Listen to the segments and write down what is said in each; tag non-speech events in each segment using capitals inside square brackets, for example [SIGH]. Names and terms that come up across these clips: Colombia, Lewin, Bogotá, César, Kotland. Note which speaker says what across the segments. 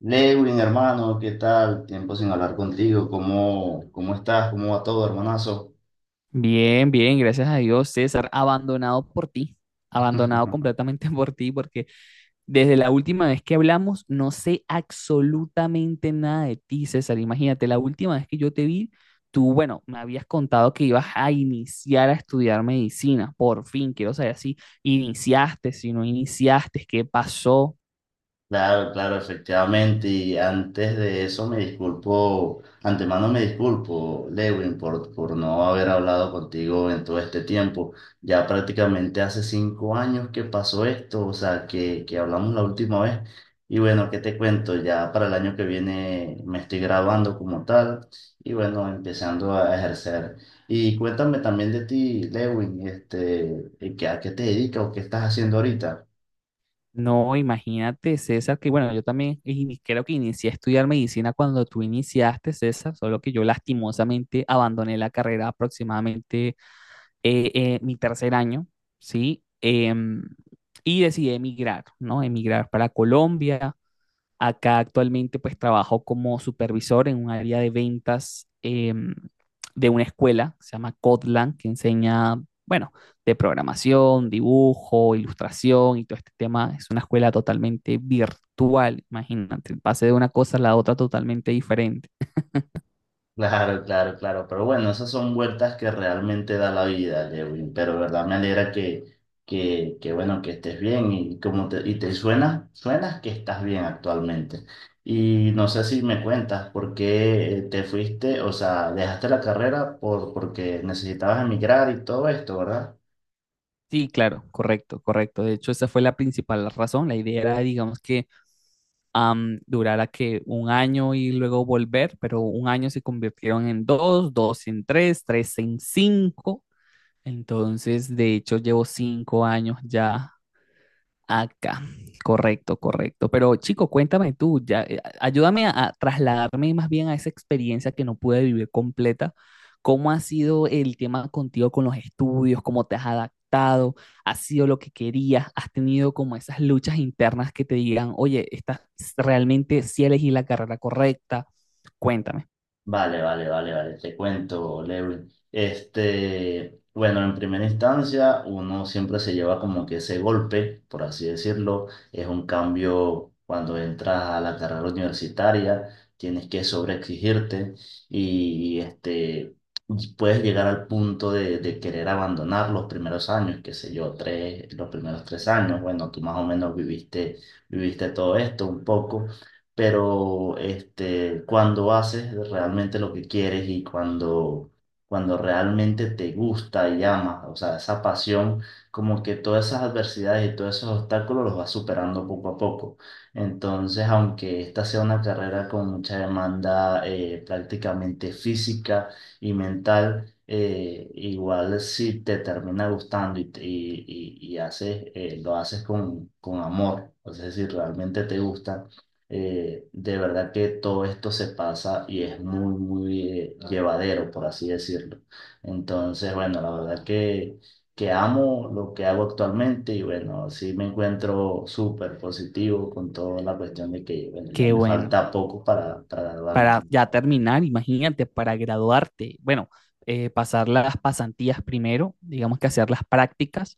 Speaker 1: Lewin, hermano, ¿qué tal? Tiempo sin hablar contigo. ¿Cómo estás? ¿Cómo va todo, hermanazo?
Speaker 2: Bien, bien, gracias a Dios, César, abandonado por ti, abandonado
Speaker 1: [LAUGHS]
Speaker 2: completamente [LAUGHS] por ti, porque desde la última vez que hablamos no sé absolutamente nada de ti, César. Imagínate, la última vez que yo te vi, tú, bueno, me habías contado que ibas a iniciar a estudiar medicina, por fin, quiero saber si iniciaste, si no iniciaste, qué pasó.
Speaker 1: Claro, claro, efectivamente. Y antes de eso me disculpo, antemano me disculpo, Lewin, por no haber hablado contigo en todo este tiempo. Ya prácticamente hace 5 años que pasó esto, o sea, que hablamos la última vez. Y bueno, ¿qué te cuento? Ya para el año que viene me estoy graduando como tal y bueno, empezando a ejercer. Y cuéntame también de ti, Lewin, este, ¿a qué te dedicas o qué estás haciendo ahorita?
Speaker 2: No, imagínate, César, que bueno, yo también creo que inicié a estudiar medicina cuando tú iniciaste, César, solo que yo lastimosamente abandoné la carrera aproximadamente mi tercer año, ¿sí? Y decidí emigrar, ¿no? Emigrar para Colombia. Acá actualmente pues trabajo como supervisor en un área de ventas de una escuela, que se llama Kotland, que enseña, bueno, de programación, dibujo, ilustración y todo este tema. Es una escuela totalmente virtual, imagínate, pase de una cosa a la otra totalmente diferente.
Speaker 1: Claro, claro, claro. Pero bueno, esas son vueltas que realmente da la vida, Lewin. Pero verdad me alegra que, que bueno, que estés bien y y te suenas que estás bien actualmente. Y no sé si me cuentas por qué te fuiste, o sea, dejaste la carrera por, porque necesitabas emigrar y todo esto, ¿verdad?
Speaker 2: Sí, claro, correcto, correcto. De hecho, esa fue la principal razón. La idea era, digamos, que durara que un año y luego volver, pero un año se convirtieron en dos, dos en tres, tres en cinco. Entonces, de hecho, llevo 5 años ya acá, correcto, correcto. Pero chico, cuéntame tú, ya, ayúdame a trasladarme más bien a esa experiencia que no pude vivir completa. ¿Cómo ha sido el tema contigo con los estudios? ¿Cómo te has adaptado? ¿Has sido lo que querías? ¿Has tenido como esas luchas internas que te digan, oye, estás realmente si elegí la carrera correcta? Cuéntame.
Speaker 1: Vale, vale, vale, vale, te cuento, Lewin. Este, bueno, en primera instancia, uno siempre se lleva como que ese golpe, por así decirlo, es un cambio cuando entras a la carrera universitaria, tienes que sobreexigirte y este, puedes llegar al punto de querer abandonar los primeros años, qué sé yo, tres, los primeros 3 años, bueno, tú más o menos viviste, viviste todo esto un poco pero este, cuando haces realmente lo que quieres y cuando, cuando realmente te gusta y amas, o sea, esa pasión, como que todas esas adversidades y todos esos obstáculos los vas superando poco a poco. Entonces, aunque esta sea una carrera con mucha demanda prácticamente física y mental, igual si te termina gustando y, y, y haces, lo haces con amor, o sea, si realmente te gusta de verdad que todo esto se pasa y es muy, muy llevadero, por así decirlo. Entonces, bueno, la verdad que amo lo que hago actualmente y bueno, sí me encuentro súper positivo con toda la cuestión de que, bueno, ya
Speaker 2: Qué
Speaker 1: me
Speaker 2: bueno.
Speaker 1: falta poco para graduarme.
Speaker 2: Para ya terminar, imagínate, para graduarte, bueno, pasar las pasantías primero, digamos que hacer las prácticas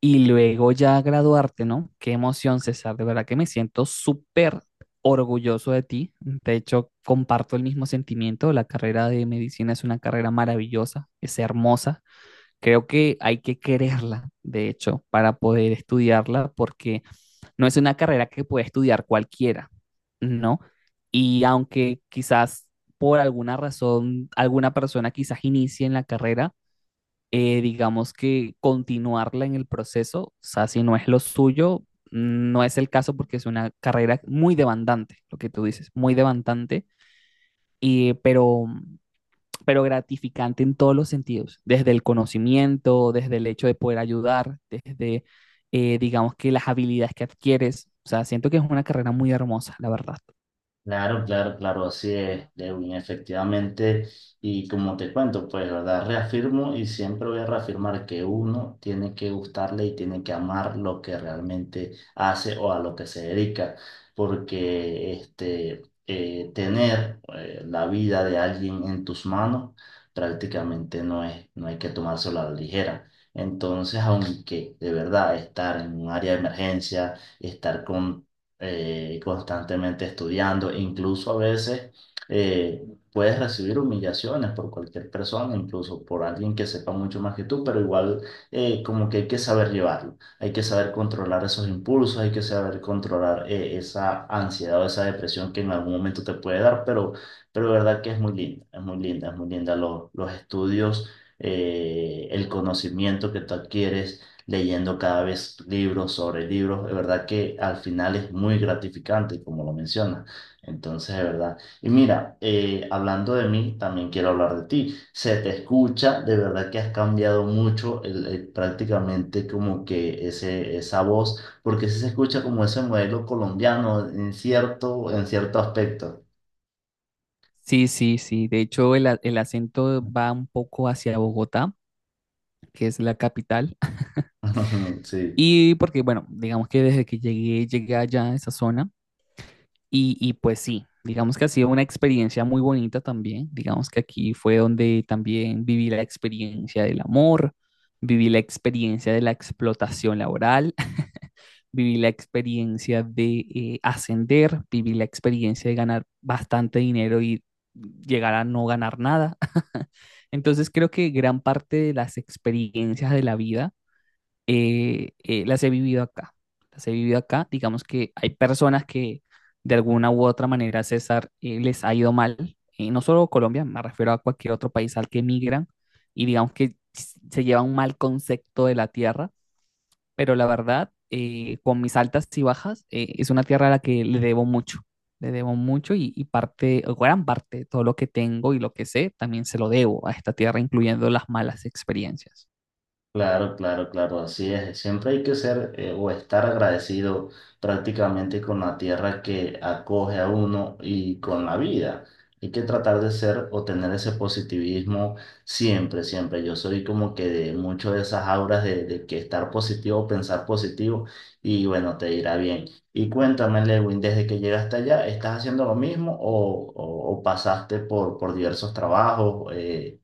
Speaker 2: y luego ya graduarte, ¿no? Qué emoción, César, de verdad que me siento súper orgulloso de ti. De hecho, comparto el mismo sentimiento. La carrera de medicina es una carrera maravillosa, es hermosa. Creo que hay que quererla, de hecho, para poder estudiarla, porque no es una carrera que puede estudiar cualquiera, ¿no? Y aunque quizás por alguna razón alguna persona quizás inicie en la carrera, digamos que continuarla en el proceso, o sea, si no es lo suyo, no es el caso porque es una carrera muy demandante, lo que tú dices, muy demandante, y, pero pero gratificante en todos los sentidos, desde el conocimiento, desde el hecho de poder ayudar, desde, digamos que las habilidades que adquieres. O sea, siento que es una carrera muy hermosa, la verdad.
Speaker 1: Claro, claro, claro, así es, Lewin, efectivamente. Y como te cuento, pues, ¿verdad? Reafirmo y siempre voy a reafirmar que uno tiene que gustarle y tiene que amar lo que realmente hace o a lo que se dedica, porque este, tener la vida de alguien en tus manos prácticamente no hay que tomárselo a la ligera. Entonces, aunque de verdad estar en un área de emergencia, estar con constantemente estudiando, incluso a veces eh, puedes recibir humillaciones por cualquier persona, incluso por alguien que sepa mucho más que tú, pero igual como que hay que saber llevarlo, hay que saber controlar esos impulsos, hay que saber controlar esa ansiedad o esa depresión que en algún momento te puede dar, pero de verdad que es muy linda, es muy linda, es muy linda los estudios. El conocimiento que tú adquieres, leyendo cada vez libros sobre libros. De verdad que al final es muy gratificante, como lo mencionas. Entonces, de verdad. Y mira, hablando de mí, también quiero hablar de ti. Se te escucha, de verdad que has cambiado mucho prácticamente como que esa voz, porque sí se escucha como ese modelo colombiano en cierto aspecto.
Speaker 2: Sí, sí, sí. De hecho, el acento va un poco hacia Bogotá, que es la capital. [LAUGHS]
Speaker 1: [LAUGHS] Sí.
Speaker 2: Y porque, bueno, digamos que desde que llegué, llegué allá a esa zona, y pues sí, digamos que ha sido una experiencia muy bonita también. Digamos que aquí fue donde también viví la experiencia del amor, viví la experiencia de la explotación laboral, [LAUGHS] viví la experiencia de ascender, viví la experiencia de ganar bastante dinero y llegar a no ganar nada. [LAUGHS] Entonces creo que gran parte de las experiencias de la vida las he vivido acá. Las he vivido acá. Digamos que hay personas que de alguna u otra manera, César, les ha ido mal. Y no solo Colombia, me refiero a cualquier otro país al que emigran y digamos que se lleva un mal concepto de la tierra, pero la verdad, con mis altas y bajas, es una tierra a la que le debo mucho. Le debo mucho y parte, o gran parte de todo lo que tengo y lo que sé, también se lo debo a esta tierra, incluyendo las malas experiencias.
Speaker 1: Claro, claro, claro, así es. Siempre hay que ser o estar agradecido prácticamente con la tierra que acoge a uno y con la vida. Hay que tratar de ser o tener ese positivismo siempre, siempre. Yo soy como que de mucho de esas auras de que estar positivo, pensar positivo y bueno, te irá bien. Y cuéntame, Lewin, desde que llegaste allá, ¿estás haciendo lo mismo o, o pasaste por diversos trabajos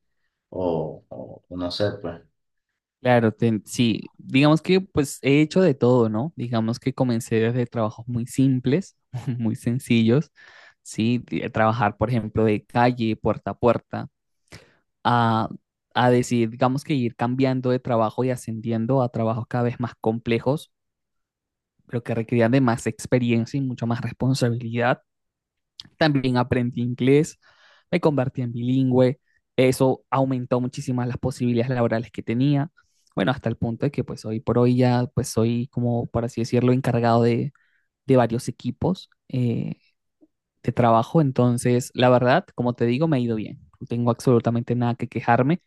Speaker 1: o, o no sé, pues?
Speaker 2: Claro, sí, digamos que pues he hecho de todo, ¿no? Digamos que comencé desde trabajos muy simples, [LAUGHS] muy sencillos, ¿sí? De trabajar, por ejemplo, de calle, puerta a puerta, a, a decidir, digamos que ir cambiando de trabajo y ascendiendo a trabajos cada vez más complejos, pero que requerían de más experiencia y mucha más responsabilidad. También aprendí inglés, me convertí en bilingüe, eso aumentó muchísimas las posibilidades laborales que tenía. Bueno, hasta el punto de que pues hoy por hoy ya pues soy como, por así decirlo, encargado de varios equipos de trabajo. Entonces, la verdad, como te digo, me ha ido bien. No tengo absolutamente nada que quejarme,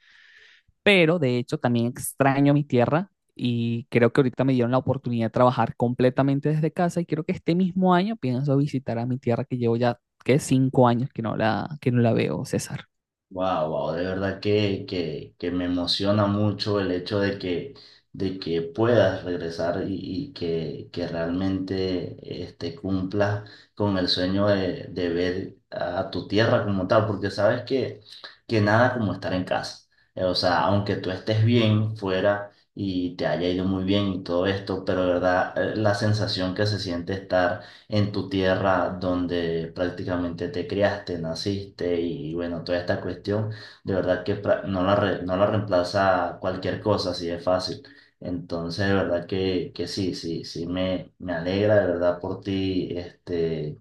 Speaker 2: pero de hecho también extraño mi tierra y creo que ahorita me dieron la oportunidad de trabajar completamente desde casa y creo que este mismo año pienso visitar a mi tierra, que llevo ya, que 5 años que no la, que no la veo, César.
Speaker 1: Wow, wow, de verdad que me emociona mucho el hecho de que, puedas regresar y, y que realmente este, cumplas con el sueño de ver a tu tierra como tal, porque sabes que nada como estar en casa. O sea, aunque tú estés bien fuera y te haya ido muy bien y todo esto, pero de verdad la sensación que se siente estar en tu tierra donde prácticamente te criaste, naciste y bueno, toda esta cuestión, de verdad que no la, no la reemplaza cualquier cosa, así de fácil. Entonces, de verdad que sí, sí, sí, me alegra de verdad por ti, este,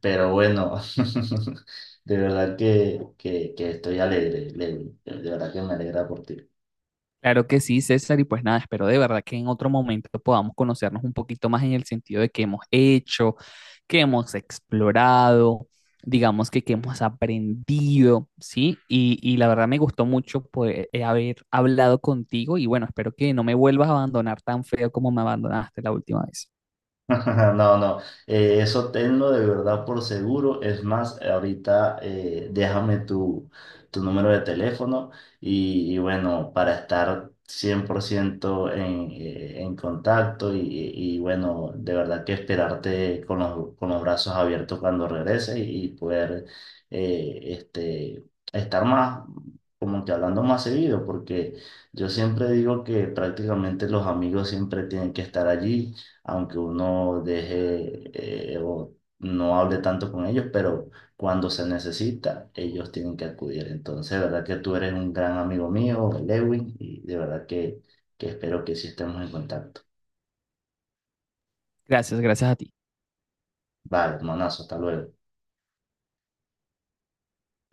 Speaker 1: pero bueno, [LAUGHS] de verdad que, que estoy alegre. De verdad que me alegra por ti.
Speaker 2: Claro que sí, César, y pues nada, espero de verdad que en otro momento podamos conocernos un poquito más en el sentido de qué hemos hecho, qué hemos explorado, digamos que qué hemos aprendido, ¿sí? Y la verdad me gustó mucho poder haber hablado contigo y bueno, espero que no me vuelvas a abandonar tan feo como me abandonaste la última vez.
Speaker 1: [LAUGHS] No, no, eso tenlo de verdad por seguro. Es más, ahorita déjame tu número de teléfono y bueno, para estar 100% en contacto y bueno, de verdad que esperarte con los brazos abiertos cuando regreses y, poder eh, este, estar más, como que hablando más seguido, porque yo siempre digo que prácticamente los amigos siempre tienen que estar allí aunque uno deje o no hable tanto con ellos, pero cuando se necesita, ellos tienen que acudir. Entonces, de verdad que tú eres un gran amigo mío, Lewin, y de verdad que espero que sí estemos en contacto.
Speaker 2: Gracias, gracias a ti.
Speaker 1: Vale, hermanazo, hasta luego.